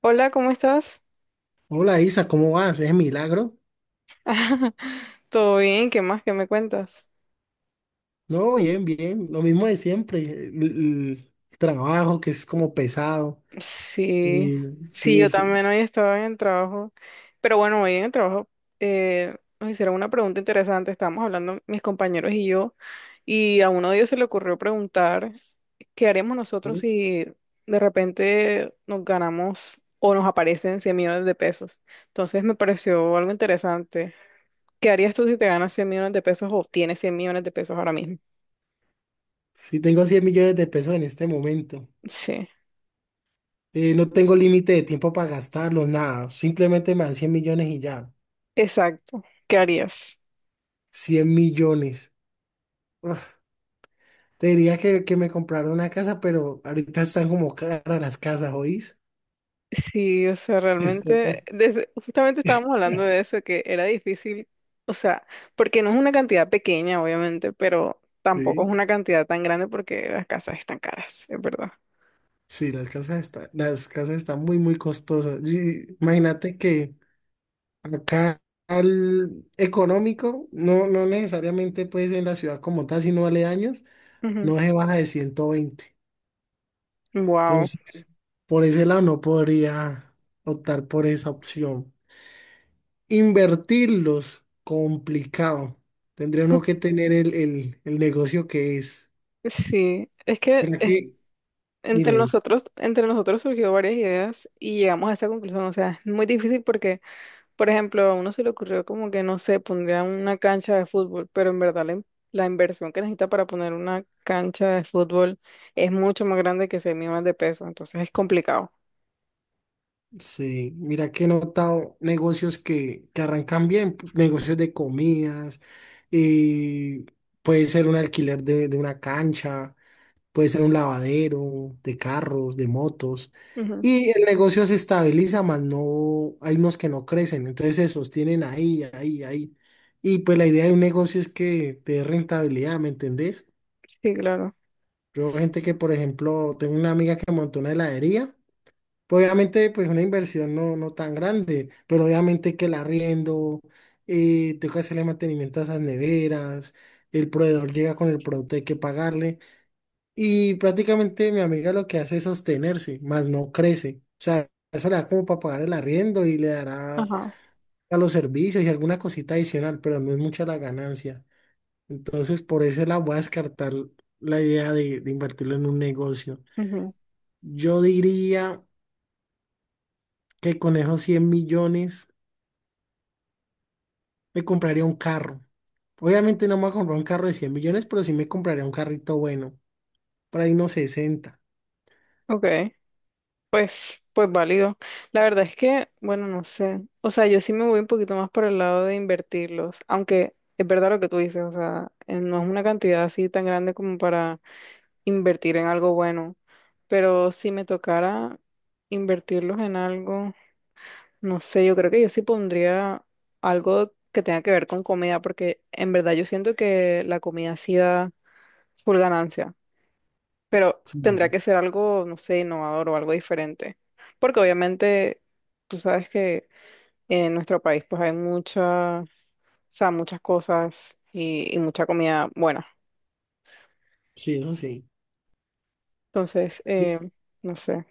Hola, ¿cómo estás? Hola Isa, ¿cómo vas? ¿Es milagro? ¿Todo bien? ¿Qué más? ¿Qué me cuentas? No, bien, bien, lo mismo de siempre, el trabajo que es como pesado. Sí, Y sí, sí, yo es, también hoy estaba en el trabajo, pero bueno, hoy en el trabajo nos hicieron una pregunta interesante. Estábamos hablando mis compañeros y yo, y a uno de ellos se le ocurrió preguntar, ¿qué haremos nosotros sí, si de repente nos ganamos o nos aparecen 100 millones de pesos? Entonces me pareció algo interesante. ¿Qué harías tú si te ganas 100 millones de pesos o tienes 100 millones de pesos ahora mismo? sí tengo 100 millones de pesos en este momento. Sí. No tengo límite de tiempo para gastarlos, nada, simplemente me dan 100 millones y ya. Exacto. ¿Qué harías? 100 millones. Uf, te diría que me compraron una casa, pero ahorita están como caras las casas, ¿oís? Sí, o sea, Está realmente, tan- justamente estábamos hablando de eso, de que era difícil. O sea, porque no es una cantidad pequeña, obviamente, pero tampoco es Sí, una cantidad tan grande porque las casas están caras, es verdad. sí, las casas están muy, muy costosas. Y imagínate que acá al económico, no necesariamente pues en la ciudad como tal, sino aledaños, no se baja de 120. Wow. Entonces, por ese lado no podría optar por esa opción. Invertirlos, complicado. Tendría uno que tener el negocio que es. Sí, es que ¿Verdad que? entre Dime. nosotros, entre nosotros surgió varias ideas y llegamos a esta conclusión. O sea, es muy difícil porque... Por ejemplo, a uno se le ocurrió como que, no sé, pondría una cancha de fútbol, pero en verdad la inversión que necesita para poner una cancha de fútbol es mucho más grande que 6 millones de pesos, entonces es complicado. Sí, mira que he notado negocios que arrancan bien, negocios de comidas, y puede ser un alquiler de una cancha, puede ser un lavadero de carros, de motos, Ujú. y el negocio se estabiliza, más no, hay unos que no crecen, entonces se sostienen ahí, ahí, ahí. Y pues la idea de un negocio es que te dé rentabilidad, ¿me entendés? Sí, claro. Yo, gente que, por ejemplo, tengo una amiga que montó una heladería. Pues obviamente, pues una inversión no tan grande, pero obviamente que el arriendo, tengo que hacerle mantenimiento a esas neveras, el proveedor llega con el producto, hay que pagarle, y prácticamente mi amiga lo que hace es sostenerse, más no crece. O sea, eso le da como para pagar el arriendo y le dará Ajá. a los servicios y alguna cosita adicional, pero no es mucha la ganancia. Entonces, por eso la voy a descartar la idea de invertirlo en un negocio. Ujú. Yo diría que con esos 100 millones. Me compraría un carro. Obviamente no me voy a comprar un carro de 100 millones, pero sí me compraría un carrito bueno. Por ahí unos 60. Ok, pues válido. La verdad es que, bueno, no sé. O sea, yo sí me voy un poquito más por el lado de invertirlos, aunque es verdad lo que tú dices. O sea, no es una cantidad así tan grande como para invertir en algo bueno, pero si me tocara invertirlos en algo, no sé, yo creo que yo sí pondría algo que tenga que ver con comida, porque en verdad yo siento que la comida sí da full ganancia, pero tendrá Sí. que ser algo, no sé, innovador o algo diferente, porque obviamente tú sabes que en nuestro país pues hay muchas, o sea, muchas cosas y mucha comida buena. Sí, eso sí. Entonces, no sé.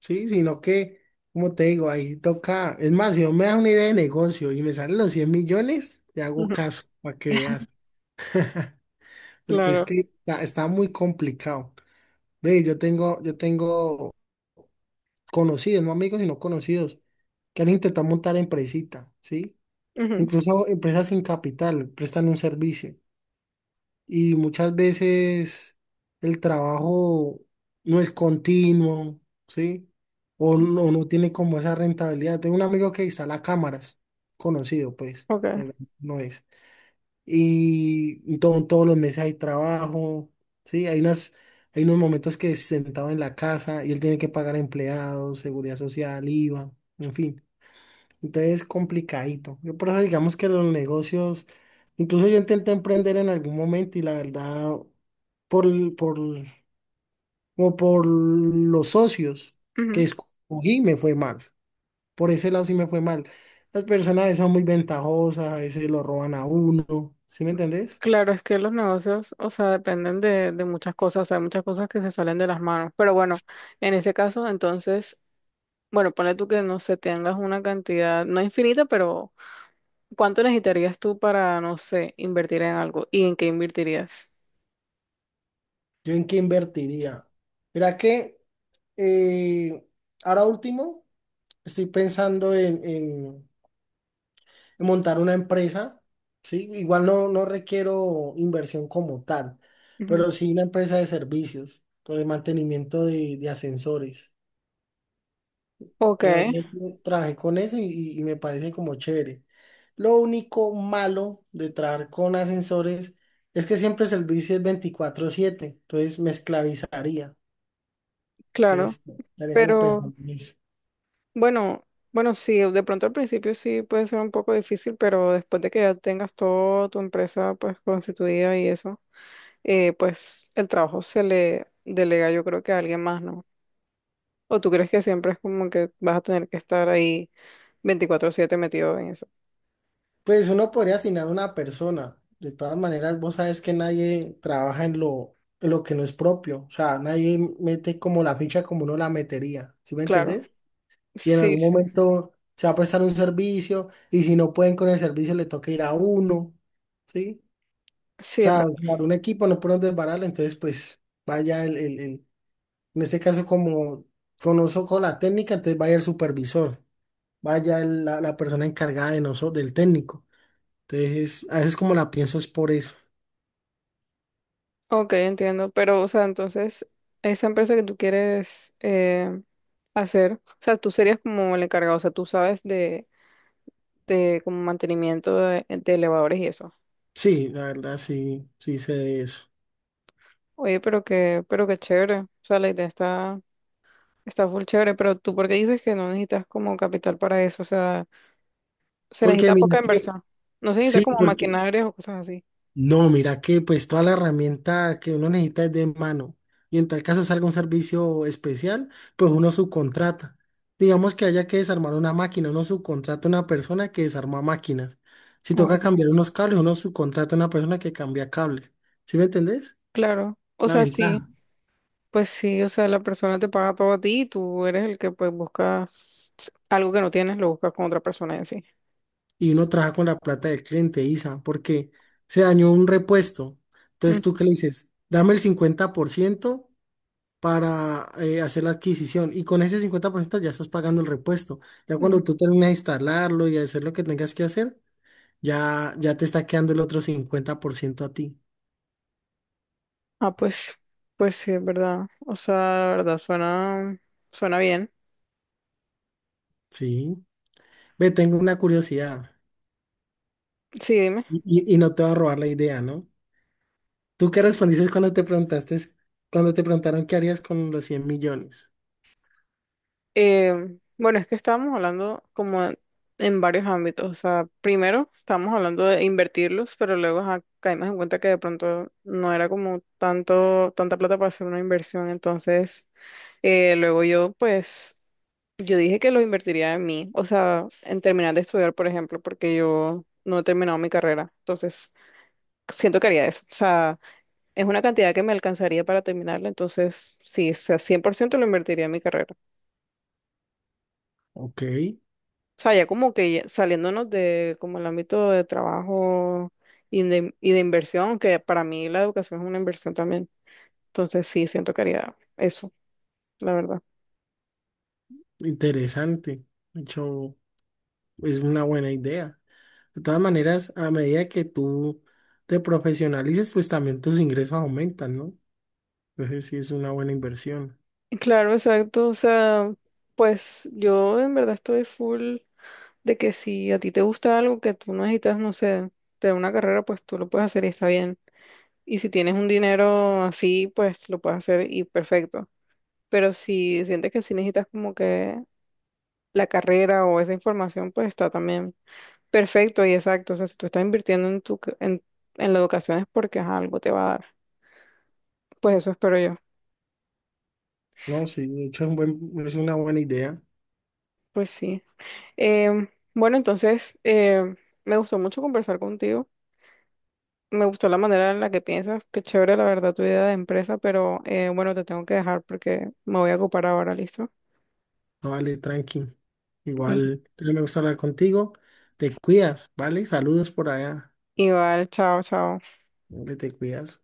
Sí, sino que, como te digo, ahí toca. Es más, si no me das una idea de negocio y me salen los 100 millones, te hago Ujú. caso para que veas. Porque es Claro. que está, está muy complicado. Ve, yo tengo conocidos, no amigos, sino conocidos, que han intentado montar empresita, ¿sí? Ujú. Incluso empresas sin capital, prestan un servicio. Y muchas veces el trabajo no es continuo, ¿sí? O no tiene como esa rentabilidad. Tengo un amigo que instala cámaras, conocido pues, Ok. pero no es. Y todos los meses hay trabajo, ¿sí? Hay unas, hay unos momentos que es sentado en la casa y él tiene que pagar empleados, seguridad social, IVA, en fin. Entonces complicadito. Yo por eso digamos que los negocios, incluso yo intenté emprender en algún momento y la verdad, por, el- por, el- como por los socios que Ujú. escogí, me fue mal. Por ese lado sí me fue mal. Las personas a veces son muy ventajosas, a veces lo roban a uno. ¿Sí me entendés? Claro, es que los negocios, o sea, dependen de muchas cosas. O sea, hay muchas cosas que se salen de las manos. Pero bueno, en ese caso, entonces, bueno, ponle tú que, no sé, tengas una cantidad, no infinita, pero ¿cuánto necesitarías tú para, no sé, invertir en algo? ¿Y en qué invertirías? ¿Yo en qué invertiría? Mira que eh, ahora último estoy pensando en montar una empresa, ¿sí? Igual no requiero inversión como tal, Ujú. pero sí una empresa de servicios, por el mantenimiento de ascensores. Ok, En algún momento trabajé con eso y y me parece como chévere. Lo único malo de trabajar con ascensores es que siempre el servicio es 24/7, entonces me esclavizaría. claro, Entonces, estaría como pero pensando en eso. bueno, bueno, sí, de pronto al principio sí puede ser un poco difícil, pero después de que ya tengas toda tu empresa pues constituida y eso. Pues el trabajo se le delega yo creo que a alguien más, ¿no? ¿O tú crees que siempre es como que vas a tener que estar ahí 24/7 metido en eso? Pues uno podría asignar una persona. De todas maneras, vos sabes que nadie trabaja en lo que no es propio. O sea, nadie mete como la ficha como uno la metería. ¿Sí me Claro, entendés? Y en sí, algún sí, momento se va a prestar un servicio y si no pueden con el servicio le toca ir a uno. ¿Sí? O sí, es sea, verdad. armar un equipo no pueden desbararlo. Entonces, pues vaya el- en este caso como conozco con la técnica, entonces vaya el supervisor, vaya la persona encargada de nosotros, del técnico. Entonces, a veces como la pienso es por eso. Ok, entiendo, pero o sea, entonces, esa empresa que tú quieres hacer. O sea, tú serías como el encargado. O sea, tú sabes de como mantenimiento de elevadores y eso. Sí, la verdad, sí, sí sé de eso. Oye, pero que, pero qué chévere. O sea, la idea está... Está full chévere, pero tú, ¿por qué dices que no necesitas como capital para eso? O sea, se Porque necesita mira poca que, inversión. No se necesita sí, como porque, maquinarias o cosas así. no, mira que pues toda la herramienta que uno necesita es de mano. Y en tal caso salga un servicio especial, pues uno subcontrata. Digamos que haya que desarmar una máquina, uno subcontrata a una persona que desarma máquinas. Si Oh, toca cambiar unos cables, uno subcontrata a una persona que cambia cables. ¿Sí me entendés? claro. O La sea, sí, ventaja. pues sí. O sea, la persona te paga todo a ti y tú eres el que pues buscas algo que no tienes, lo buscas con otra persona en sí. Y uno trabaja con la plata del cliente, Isa, porque se dañó un repuesto. Entonces, Ujú, ¿tú qué le dices? Dame el 50% para hacer la adquisición y con ese 50% ya estás pagando el repuesto. Ya ujú. cuando tú terminas de instalarlo y hacer lo que tengas que hacer, ya, ya te está quedando el otro 50% a ti. Ah, pues sí, es verdad. O sea, la verdad, suena bien. Sí. Ve, tengo una curiosidad Sí, dime. Y no te va a robar la idea, ¿no? ¿Tú qué respondiste cuando te preguntaste, cuando te preguntaron qué harías con los 100 millones? Eh, bueno, es que estábamos hablando como en varios ámbitos. O sea, primero estábamos hablando de invertirlos, pero luego ajá, caímos en cuenta que de pronto no era como tanta plata para hacer una inversión. Entonces, luego yo, pues, yo dije que lo invertiría en mí. O sea, en terminar de estudiar, por ejemplo, porque yo no he terminado mi carrera. Entonces, siento que haría eso. O sea, es una cantidad que me alcanzaría para terminarla. Entonces, sí, o sea, 100% lo invertiría en mi carrera. Ok. O sea, ya como que ya saliéndonos de como el ámbito de trabajo y de inversión, que para mí la educación es una inversión también. Entonces sí, siento que haría eso, la verdad. Interesante. De hecho, es una buena idea. De todas maneras, a medida que tú te profesionalices, pues también tus ingresos aumentan, ¿no? Entonces sí es una buena inversión. Claro, exacto. O sea, pues yo en verdad estoy full de que si a ti te gusta algo que tú no necesitas, no sé, de una carrera, pues tú lo puedes hacer y está bien. Y si tienes un dinero así, pues lo puedes hacer y perfecto. Pero si sientes que sí necesitas como que la carrera o esa información, pues está también. Perfecto y exacto. O sea, si tú estás invirtiendo en en la educación es porque ajá, algo te va a dar. Pues eso espero yo. No, sí, de hecho es una buena idea. Pues sí. Em, bueno, entonces me gustó mucho conversar contigo. Me gustó la manera en la que piensas. Qué chévere, la verdad, tu idea de empresa, pero bueno, te tengo que dejar porque me voy a ocupar ahora, ¿listo? No, vale, tranqui. Mm. Igual, me gusta hablar contigo. Te cuidas, ¿vale? Saludos por allá. Igual, chao, chao. Hombre, te cuidas.